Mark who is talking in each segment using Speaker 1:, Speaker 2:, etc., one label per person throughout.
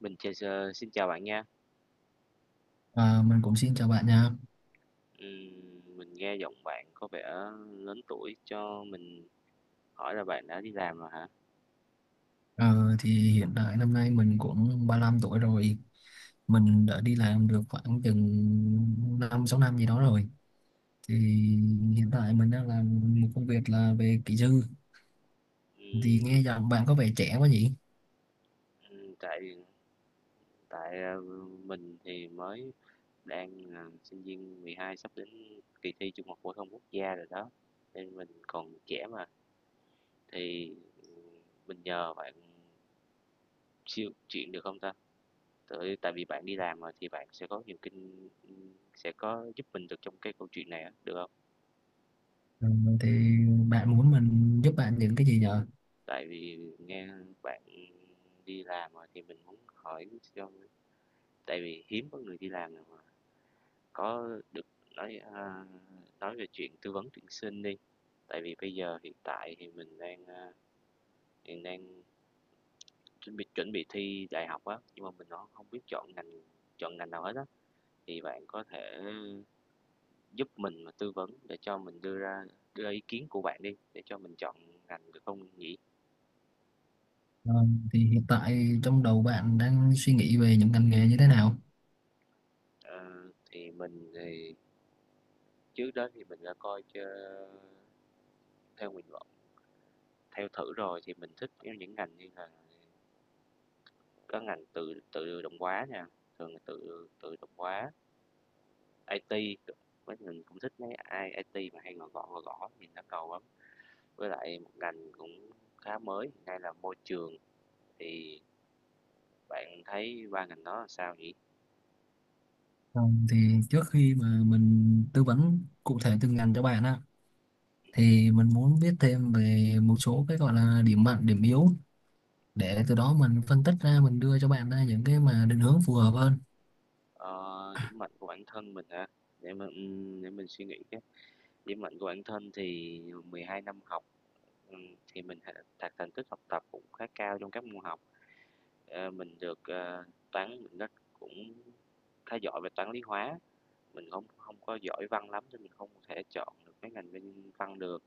Speaker 1: Mình chào xin chào bạn nha.
Speaker 2: À, mình cũng xin chào bạn nha.
Speaker 1: Ừm, mình nghe giọng bạn có vẻ lớn tuổi, cho mình hỏi là bạn đã đi làm rồi hả?
Speaker 2: Ờ, thì hiện tại năm nay mình cũng 35 tuổi rồi. Mình đã đi làm được khoảng chừng 5-6 năm gì đó rồi. Thì hiện tại mình đang làm một công việc là về kỹ sư. Thì
Speaker 1: Ừm,
Speaker 2: nghe giọng bạn có vẻ trẻ quá nhỉ?
Speaker 1: tại tại, ờ, mình thì mới đang là sinh viên 12 sắp đến kỳ thi Trung học phổ thông quốc gia rồi đó, nên mình còn trẻ mà, thì, ừm, mình nhờ bạn siêu chuyện được không ta? Tại tại vì bạn đi làm mà thì bạn sẽ có nhiều kinh sẽ có giúp mình được trong cái câu chuyện này á, được không?
Speaker 2: Ờ, thì bạn muốn mình giúp bạn những cái gì nhờ?
Speaker 1: Tại vì nghe bạn đi làm rồi thì mình muốn hỏi cho tại vì hiếm có người đi làm nào mà có được nói à, nói về chuyện tư vấn tuyển sinh đi. Tại vì bây giờ hiện tại thì mình hiện đang chuẩn bị thi đại học á, nhưng mà mình nó không biết chọn ngành nào hết á. Thì bạn có thể giúp mình mà tư vấn để cho mình đưa ra ý kiến của bạn đi để cho mình chọn ngành được không nhỉ?
Speaker 2: Ờ, thì hiện tại trong đầu bạn đang suy nghĩ về những ngành nghề như thế nào?
Speaker 1: Ờ, thì mình thì trước đó thì mình đã coi chơ theo nguyện vọng theo thử rồi thì mình thích theo những ngành như là có ngành tự tự động hóa nha, thường là tự tự động hóa, IT, với mình cũng thích mấy ai IT mà hay gõ gõ nhìn nó cầu lắm. Với lại một ngành cũng khá mới hiện nay là môi trường thì bạn thấy ba ngành đó là sao nhỉ?
Speaker 2: Ờ, thì trước khi mà mình tư vấn cụ thể từng ngành cho bạn á, thì mình muốn biết thêm về một số cái gọi là điểm mạnh điểm yếu, để từ đó mình phân tích ra mình đưa cho bạn ra những cái mà định hướng phù hợp hơn.
Speaker 1: Ờ, điểm mạnh của bản thân mình hả? Để mình, để mình suy nghĩ cái. Điểm mạnh của bản thân thì 12 năm học thì mình th đạt thành tích học tập cũng khá cao trong các môn học, ờ, mình được, ờ, toán mình rất cũng khá giỏi về toán, lý, hóa, mình không không có giỏi văn lắm nên mình không thể chọn được cái ngành bên văn được.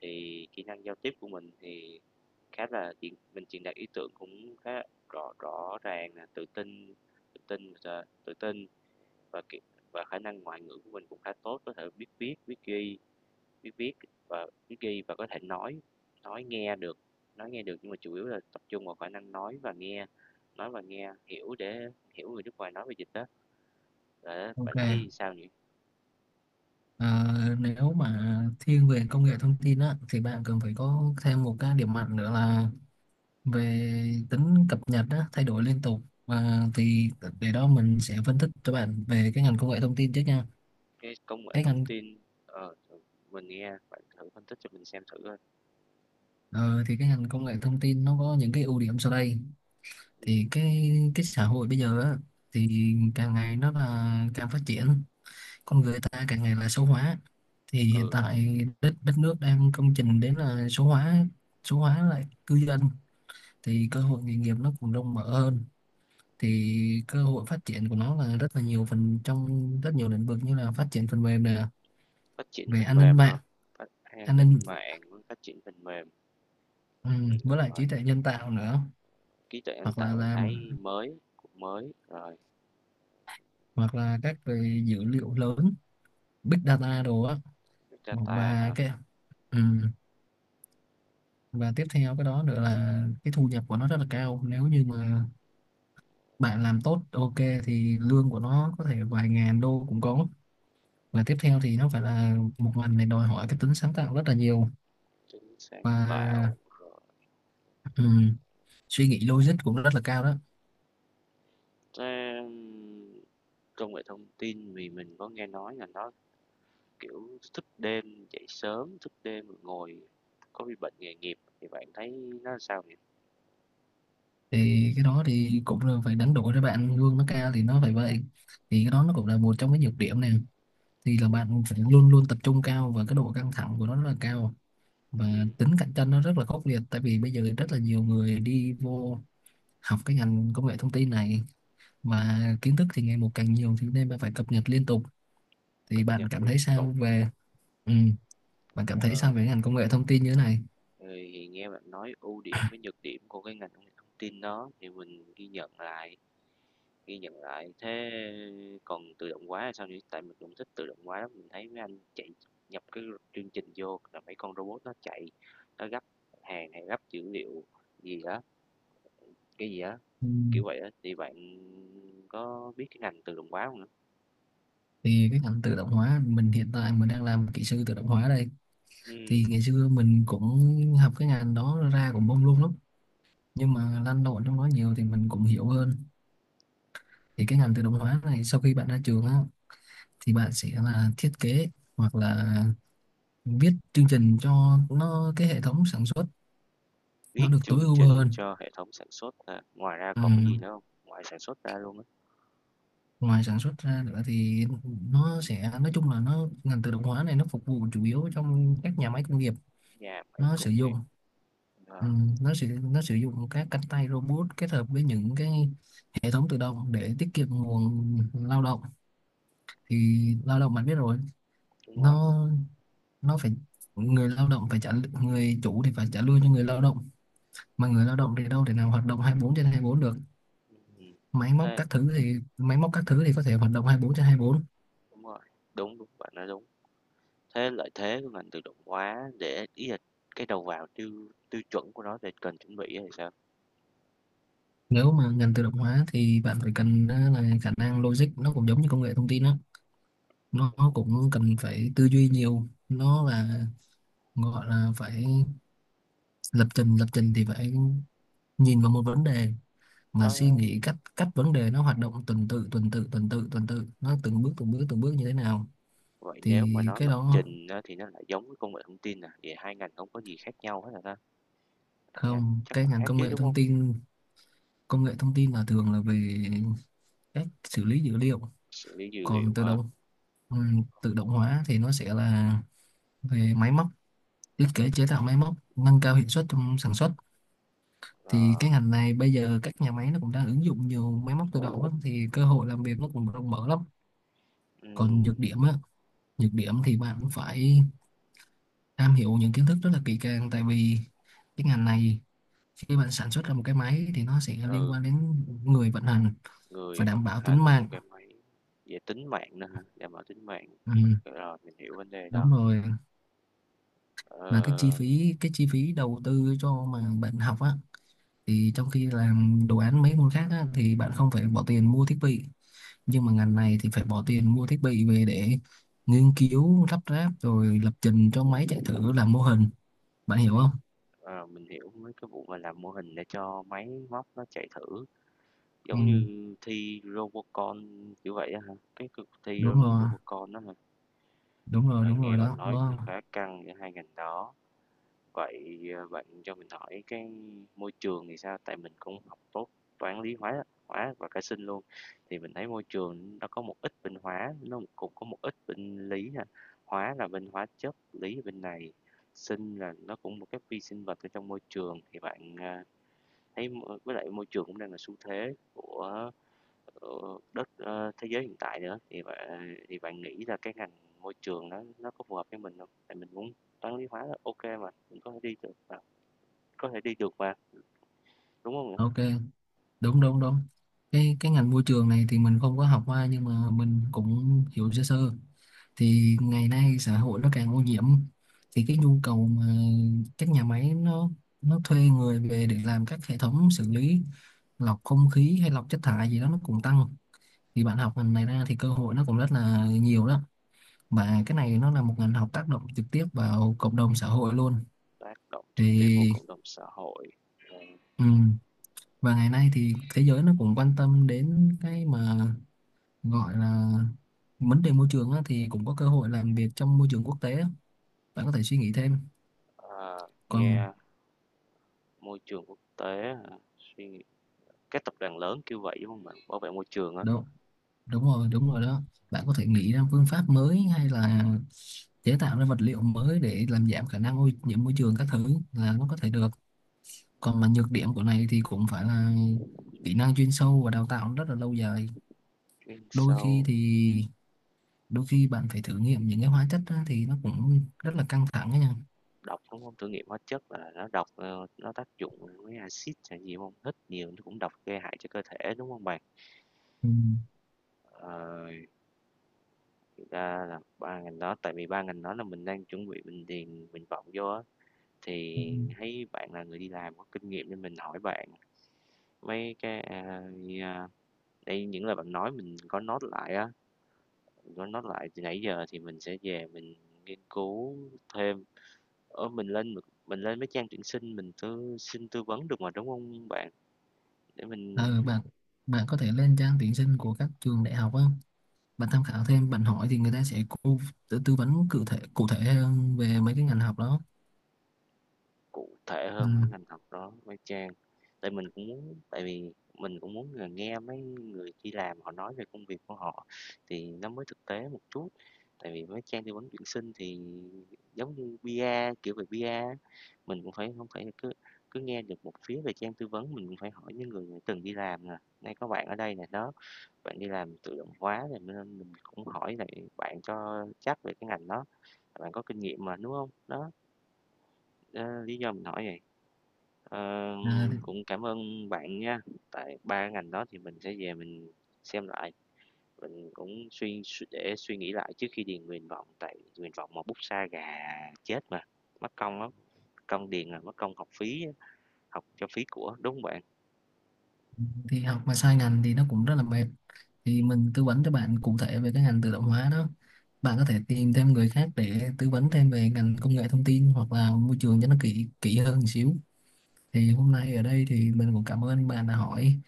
Speaker 1: Thì kỹ năng giao tiếp của mình thì khá là chuyện mình truyền đạt ý tưởng cũng khá rõ rõ ràng nè, tự tin và, kỹ và khả năng ngoại ngữ của mình cũng khá tốt, có thể biết viết, biết viết biết ghi và có thể nói nghe được nói nghe được nhưng mà chủ yếu là tập trung vào khả năng nói và nghe hiểu để hiểu người nước ngoài nói về dịch đó để
Speaker 2: Ok.
Speaker 1: bạn thấy sao nhỉ?
Speaker 2: À, nếu mà thiên về công nghệ thông tin á thì bạn cần phải có thêm một cái điểm mạnh nữa là về tính cập nhật á, thay đổi liên tục, và thì để đó mình sẽ phân tích cho bạn về cái ngành công nghệ thông tin trước nha.
Speaker 1: Cái công nghệ
Speaker 2: cái
Speaker 1: thông
Speaker 2: ngành
Speaker 1: tin, ờ, mình nghe bạn thử phân tích cho mình xem thử coi.
Speaker 2: ờ, thì cái ngành công nghệ thông tin nó có những cái ưu điểm sau đây.
Speaker 1: ừ,
Speaker 2: Thì cái xã hội bây giờ á, thì càng ngày nó là càng phát triển, con người ta càng ngày là số hóa. Thì hiện
Speaker 1: ừ
Speaker 2: tại đất đất nước đang công trình đến là số hóa, số hóa lại cư dân. Thì cơ hội nghề nghiệp nó cũng rộng mở hơn. Thì cơ hội phát triển của nó là rất là nhiều phần trong rất nhiều lĩnh vực, như là phát triển phần mềm nè,
Speaker 1: Phát triển
Speaker 2: về
Speaker 1: phần
Speaker 2: an ninh
Speaker 1: mềm
Speaker 2: mạng,
Speaker 1: hả? An
Speaker 2: an ninh
Speaker 1: ninh mạng với phát triển phần mềm.
Speaker 2: ừ,
Speaker 1: ừ,
Speaker 2: với lại
Speaker 1: Rồi,
Speaker 2: trí tuệ nhân tạo nữa,
Speaker 1: trí tuệ nhân
Speaker 2: hoặc là
Speaker 1: tạo mình
Speaker 2: làm
Speaker 1: thấy mới rồi.
Speaker 2: hoặc là các về dữ liệu lớn, big data đồ á.
Speaker 1: Data
Speaker 2: Và
Speaker 1: hả?
Speaker 2: cái ừ. Và tiếp theo cái đó nữa là cái thu nhập của nó rất là cao, nếu như mà bạn làm tốt, ok, thì lương của nó có thể vài ngàn đô cũng có. Và tiếp theo thì nó phải là một ngành này đòi hỏi cái tính sáng tạo rất là nhiều,
Speaker 1: Tính sáng
Speaker 2: và
Speaker 1: tạo rồi.
Speaker 2: ừm, suy nghĩ logic cũng rất là cao đó.
Speaker 1: Thế, công nghệ thông tin vì mình có nghe nói là nó, kiểu, thức đêm, dậy sớm, thức đêm rồi ngồi có bị bệnh nghề nghiệp thì bạn thấy nó sao nhỉ?
Speaker 2: Thì cái đó thì cũng là phải đánh đổi, cho bạn lương nó cao thì nó phải vậy. Thì cái đó nó cũng là một trong cái nhược điểm này, thì là
Speaker 1: Nhật,
Speaker 2: bạn phải luôn luôn tập trung cao và cái độ căng thẳng của nó rất là cao, và
Speaker 1: ừm,
Speaker 2: tính cạnh tranh nó rất là khốc liệt, tại vì bây giờ rất là nhiều người đi vô học cái ngành công nghệ thông tin này, mà kiến thức thì ngày một càng nhiều thì nên bạn phải cập nhật liên tục. thì
Speaker 1: cập
Speaker 2: bạn
Speaker 1: nhật
Speaker 2: cảm
Speaker 1: liên
Speaker 2: thấy
Speaker 1: tục,
Speaker 2: sao về ừ, bạn cảm thấy
Speaker 1: ờ,
Speaker 2: sao về ngành công nghệ thông tin như thế này?
Speaker 1: thì nghe bạn nói ưu điểm với nhược điểm của cái ngành công nghệ thông tin đó thì mình ghi nhận lại, ghi nhận lại. Thế còn tự động hóa là sao nhỉ? Tại mình cũng thích tự động hóa lắm, mình thấy mấy anh chạy nhập cái chương trình vô là mấy con robot nó chạy, nó gấp hàng hay gấp dữ liệu gì đó, cái gì đó.
Speaker 2: Ừ.
Speaker 1: Kiểu vậy á, thì bạn có biết cái ngành tự động hóa không nữa?
Speaker 2: Thì cái ngành tự động hóa, mình hiện tại mình đang làm kỹ sư tự động hóa đây. Thì
Speaker 1: Ừm,
Speaker 2: ngày xưa mình cũng học cái ngành đó ra cũng bông luôn lắm, nhưng mà lăn lộn trong đó nhiều thì mình cũng hiểu hơn. Thì cái ngành tự động hóa này sau khi bạn ra trường á thì bạn sẽ là thiết kế, hoặc là viết chương trình cho nó cái hệ thống sản xuất
Speaker 1: viết
Speaker 2: nó được tối
Speaker 1: chương
Speaker 2: ưu
Speaker 1: trình
Speaker 2: hơn.
Speaker 1: cho hệ thống sản xuất à? Ngoài ra
Speaker 2: Ừ.
Speaker 1: còn cái gì nữa không? Ngoài sản xuất ra luôn á,
Speaker 2: Ngoài sản xuất ra nữa thì nó sẽ nói chung là nó, ngành tự động hóa này nó phục vụ chủ yếu trong các nhà máy công nghiệp.
Speaker 1: nhà máy
Speaker 2: Nó
Speaker 1: công
Speaker 2: sử dụng
Speaker 1: nghiệp, ờ,
Speaker 2: ừ, nó sử dụng các cánh tay robot kết hợp với những cái hệ thống tự động để tiết kiệm nguồn lao động. Thì lao động bạn biết rồi,
Speaker 1: đúng rồi,
Speaker 2: nó nó phải người lao động phải trả, người chủ thì phải trả lương cho người lao động, mà người lao động thì đâu thể nào hoạt động 24/24 được.
Speaker 1: ừm,
Speaker 2: Máy móc
Speaker 1: thế
Speaker 2: các thứ thì máy móc các thứ thì có thể hoạt động 24/24.
Speaker 1: đúng rồi, đúng, đúng, bạn nói đúng. Thế lợi thế của ngành tự động hóa để ý là cái đầu vào tiêu tiêu chuẩn của nó để cần chuẩn bị á sao?
Speaker 2: Nếu mà ngành tự động hóa thì bạn phải cần á, là khả năng logic nó cũng giống như công nghệ thông tin đó, nó cũng cần phải tư duy nhiều. Nó là gọi là phải lập trình, thì phải nhìn vào một vấn đề mà suy
Speaker 1: Nó
Speaker 2: nghĩ cách cách vấn đề nó hoạt động tuần tự tuần tự tuần tự tuần tự, nó từng bước từng bước từng bước như thế nào.
Speaker 1: vậy nếu
Speaker 2: Thì
Speaker 1: mà nó
Speaker 2: cái
Speaker 1: lập
Speaker 2: đó
Speaker 1: trình á thì nó lại giống với công nghệ thông tin à? Vậy hai ngành không có gì khác nhau hết rồi ta? Hai ngành
Speaker 2: không.
Speaker 1: chắc
Speaker 2: Cái
Speaker 1: là
Speaker 2: ngành
Speaker 1: khác
Speaker 2: công
Speaker 1: chứ,
Speaker 2: nghệ
Speaker 1: đúng
Speaker 2: thông
Speaker 1: không?
Speaker 2: tin Công nghệ thông tin là thường là về cách xử lý dữ liệu.
Speaker 1: Xử lý dữ
Speaker 2: Còn
Speaker 1: liệu
Speaker 2: tự
Speaker 1: ha.
Speaker 2: động ừ, Tự động hóa thì nó sẽ là về máy móc, thiết kế chế tạo máy móc nâng cao hiệu suất trong sản xuất. Thì
Speaker 1: Ờ,
Speaker 2: cái ngành này bây giờ các nhà máy nó cũng đang ứng dụng nhiều máy móc tự động á, thì cơ hội làm việc nó cũng rộng mở lắm. Còn
Speaker 1: ừm,
Speaker 2: nhược điểm á Nhược điểm thì bạn cũng phải am hiểu những kiến thức rất là kỹ càng, tại vì cái ngành này khi bạn sản xuất ra một cái máy thì nó sẽ liên
Speaker 1: ừ,
Speaker 2: quan đến người vận hành, phải
Speaker 1: người vận
Speaker 2: đảm bảo tính
Speaker 1: hành của
Speaker 2: mạng.
Speaker 1: cái máy về tính mạng nữa hả? Đảm bảo tính mạng,
Speaker 2: Ừ,
Speaker 1: ok, rồi mình hiểu vấn đề
Speaker 2: đúng
Speaker 1: đó.
Speaker 2: rồi. Mà cái chi
Speaker 1: Ờ,
Speaker 2: phí cái chi phí đầu tư cho mà bạn học á, thì trong khi làm đồ án mấy môn khác á, thì bạn không phải bỏ tiền mua thiết bị, nhưng mà ngành này thì phải bỏ tiền mua thiết bị về để nghiên cứu lắp ráp rồi lập trình cho máy chạy thử làm mô hình, bạn hiểu
Speaker 1: mấy
Speaker 2: không?
Speaker 1: mình hiểu mấy cái vụ mà làm mô hình để cho máy móc nó chạy thử,
Speaker 2: Ừ,
Speaker 1: giống như thi Robocon kiểu vậy á hả? Cái cuộc thi
Speaker 2: đúng
Speaker 1: đúng
Speaker 2: rồi,
Speaker 1: Robocon đó hả?
Speaker 2: đúng rồi,
Speaker 1: Ờ,
Speaker 2: đúng rồi
Speaker 1: nghe bạn
Speaker 2: đó
Speaker 1: nói cũng
Speaker 2: đó.
Speaker 1: khá căng giữa hai ngành đó. Bạn cho mình hỏi cái môi trường thì sao? Tại mình cũng học tốt toán, lý, hóa hóa và cả sinh luôn, thì mình thấy môi trường nó có một ít bên hóa, nó cũng có một ít bên lý nè. Hóa là bên hóa chất, lý là bên này, sinh là nó cũng một cái vi sinh vật ở trong môi trường, thấy m với lại môi trường cũng đang là xu thế của thế giới hiện tại nữa, thì bạn nghĩ là cái ngành môi trường nó có phù hợp với mình không? Tại mình muốn toán, lý, hóa là ô mà, mình có thể đi được mà, đúng không nè?
Speaker 2: Ok, đúng, đúng, đúng. Cái ngành môi trường này thì mình không có học qua, nhưng mà mình cũng hiểu sơ sơ. Thì ngày nay xã hội nó càng ô nhiễm, thì cái nhu cầu mà các nhà máy nó thuê người về để làm các hệ thống xử lý, lọc không khí hay lọc chất thải gì đó, nó cũng tăng. Thì bạn học ngành này ra thì cơ hội nó cũng rất là nhiều đó. Và cái này nó là một ngành học tác động trực tiếp vào cộng đồng xã hội luôn.
Speaker 1: Tác động trực tiếp vào
Speaker 2: Thì
Speaker 1: cộng đồng xã hội, rồi,
Speaker 2: ừm, và ngày nay thì thế giới nó cũng quan tâm đến cái mà gọi là vấn đề môi trường á, thì cũng có cơ hội làm việc trong môi trường quốc tế á. Bạn có thể suy nghĩ thêm.
Speaker 1: ờ,
Speaker 2: còn
Speaker 1: nghe môi trường quốc tế à, suy nghĩ các tập đoàn lớn kêu vậy, đúng không bạn? Bảo vệ môi trường á,
Speaker 2: Đúng, đúng rồi, đúng rồi đó. Bạn có thể nghĩ ra phương pháp mới, hay là chế tạo ra vật liệu mới để làm giảm khả năng ô nhiễm môi trường các thứ, là nó có thể được. Còn mà nhược điểm của này thì cũng phải là kỹ năng chuyên sâu và đào tạo rất là lâu dài.
Speaker 1: chuyên
Speaker 2: đôi khi
Speaker 1: sâu
Speaker 2: thì Đôi khi bạn phải thử nghiệm những cái hóa chất á, thì nó cũng rất là căng thẳng ấy nha.
Speaker 1: độc, đúng không? Thử nghiệm hóa chất là nó độc, nó tác dụng với axit hay gì không? Hít nhiều nó cũng độc gây hại cho cơ thể, đúng không bạn?
Speaker 2: Ừ.
Speaker 1: Ờ, thực ra là 3 ngành đó tại vì 3 ngành đó là mình đang chuẩn bị mình điền nguyện vọng vô á,
Speaker 2: Ừ.
Speaker 1: thì thấy bạn là người đi làm có kinh nghiệm nên mình hỏi bạn mấy cái, a, đây, những lời bạn nói mình có note lại á, mình có note lại từ nãy giờ thì mình sẽ về mình nghiên cứu thêm. Ở mình lên Mình lên mấy trang tuyển sinh mình tư vấn được mà, đúng không bạn? Để mình
Speaker 2: Ờ, bạn bạn có thể lên trang tuyển sinh của các trường đại học á, bạn tham khảo thêm, bạn hỏi thì người ta sẽ tư vấn cụ thể hơn về mấy cái ngành học đó.
Speaker 1: cụ thể
Speaker 2: Ừ.
Speaker 1: hơn với ngành học đó với Trang. Tại mình cũng muốn tại vì mình cũng muốn là nghe mấy người đi làm họ nói về công việc của họ thì nó mới thực tế một chút. Tại vì với Trang tư vấn tuyển sinh thì giống như PR, kiểu về PR, á, mình cũng phải không phải cứ cứ nghe được một phía về Trang tư vấn mình cũng phải hỏi những người đã từng đi làm nè. Nay có bạn ở đây nè đó, bạn đi làm tự động hóa rồi nên mình cũng hỏi lại bạn cho chắc về cái ngành đó, bạn có kinh nghiệm mà đúng không? Đó, ờ, lý do mình hỏi vậy. Ờ,
Speaker 2: À,
Speaker 1: cũng cảm ơn bạn nha. Tại 3 ngành đó thì mình sẽ về mình xem lại, mình cũng suy suy để suy nghĩ lại trước khi điền nguyện vọng tại nguyện vọng mà bút sa gà chết mà, mất công lắm, công điền là mất công học phí, á, học cho phí của, đúng không bạn?
Speaker 2: thì học mà sai ngành thì nó cũng rất là mệt. Thì mình tư vấn cho bạn cụ thể về cái ngành tự động hóa đó, bạn có thể tìm thêm người khác để tư vấn thêm về ngành công nghệ thông tin hoặc là môi trường cho nó kỹ kỹ hơn một xíu. Thì hôm nay ở đây thì mình cũng cảm ơn bạn đã hỏi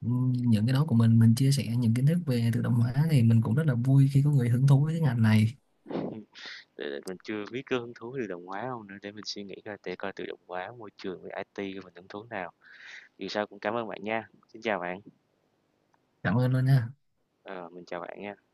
Speaker 2: những cái đó của Mình chia sẻ những kiến thức về tự động hóa thì mình cũng rất là vui khi có người hứng thú với cái ngành này.
Speaker 1: Để mình chưa biết cái hứng thú tự động hóa không nữa để mình suy nghĩ coi để coi tự động hóa môi trường với IT của mình hứng thú nào. Dù sao cũng cảm ơn bạn nha. Xin chào bạn.
Speaker 2: Cảm ơn luôn nha.
Speaker 1: Ờ, mình chào bạn nha.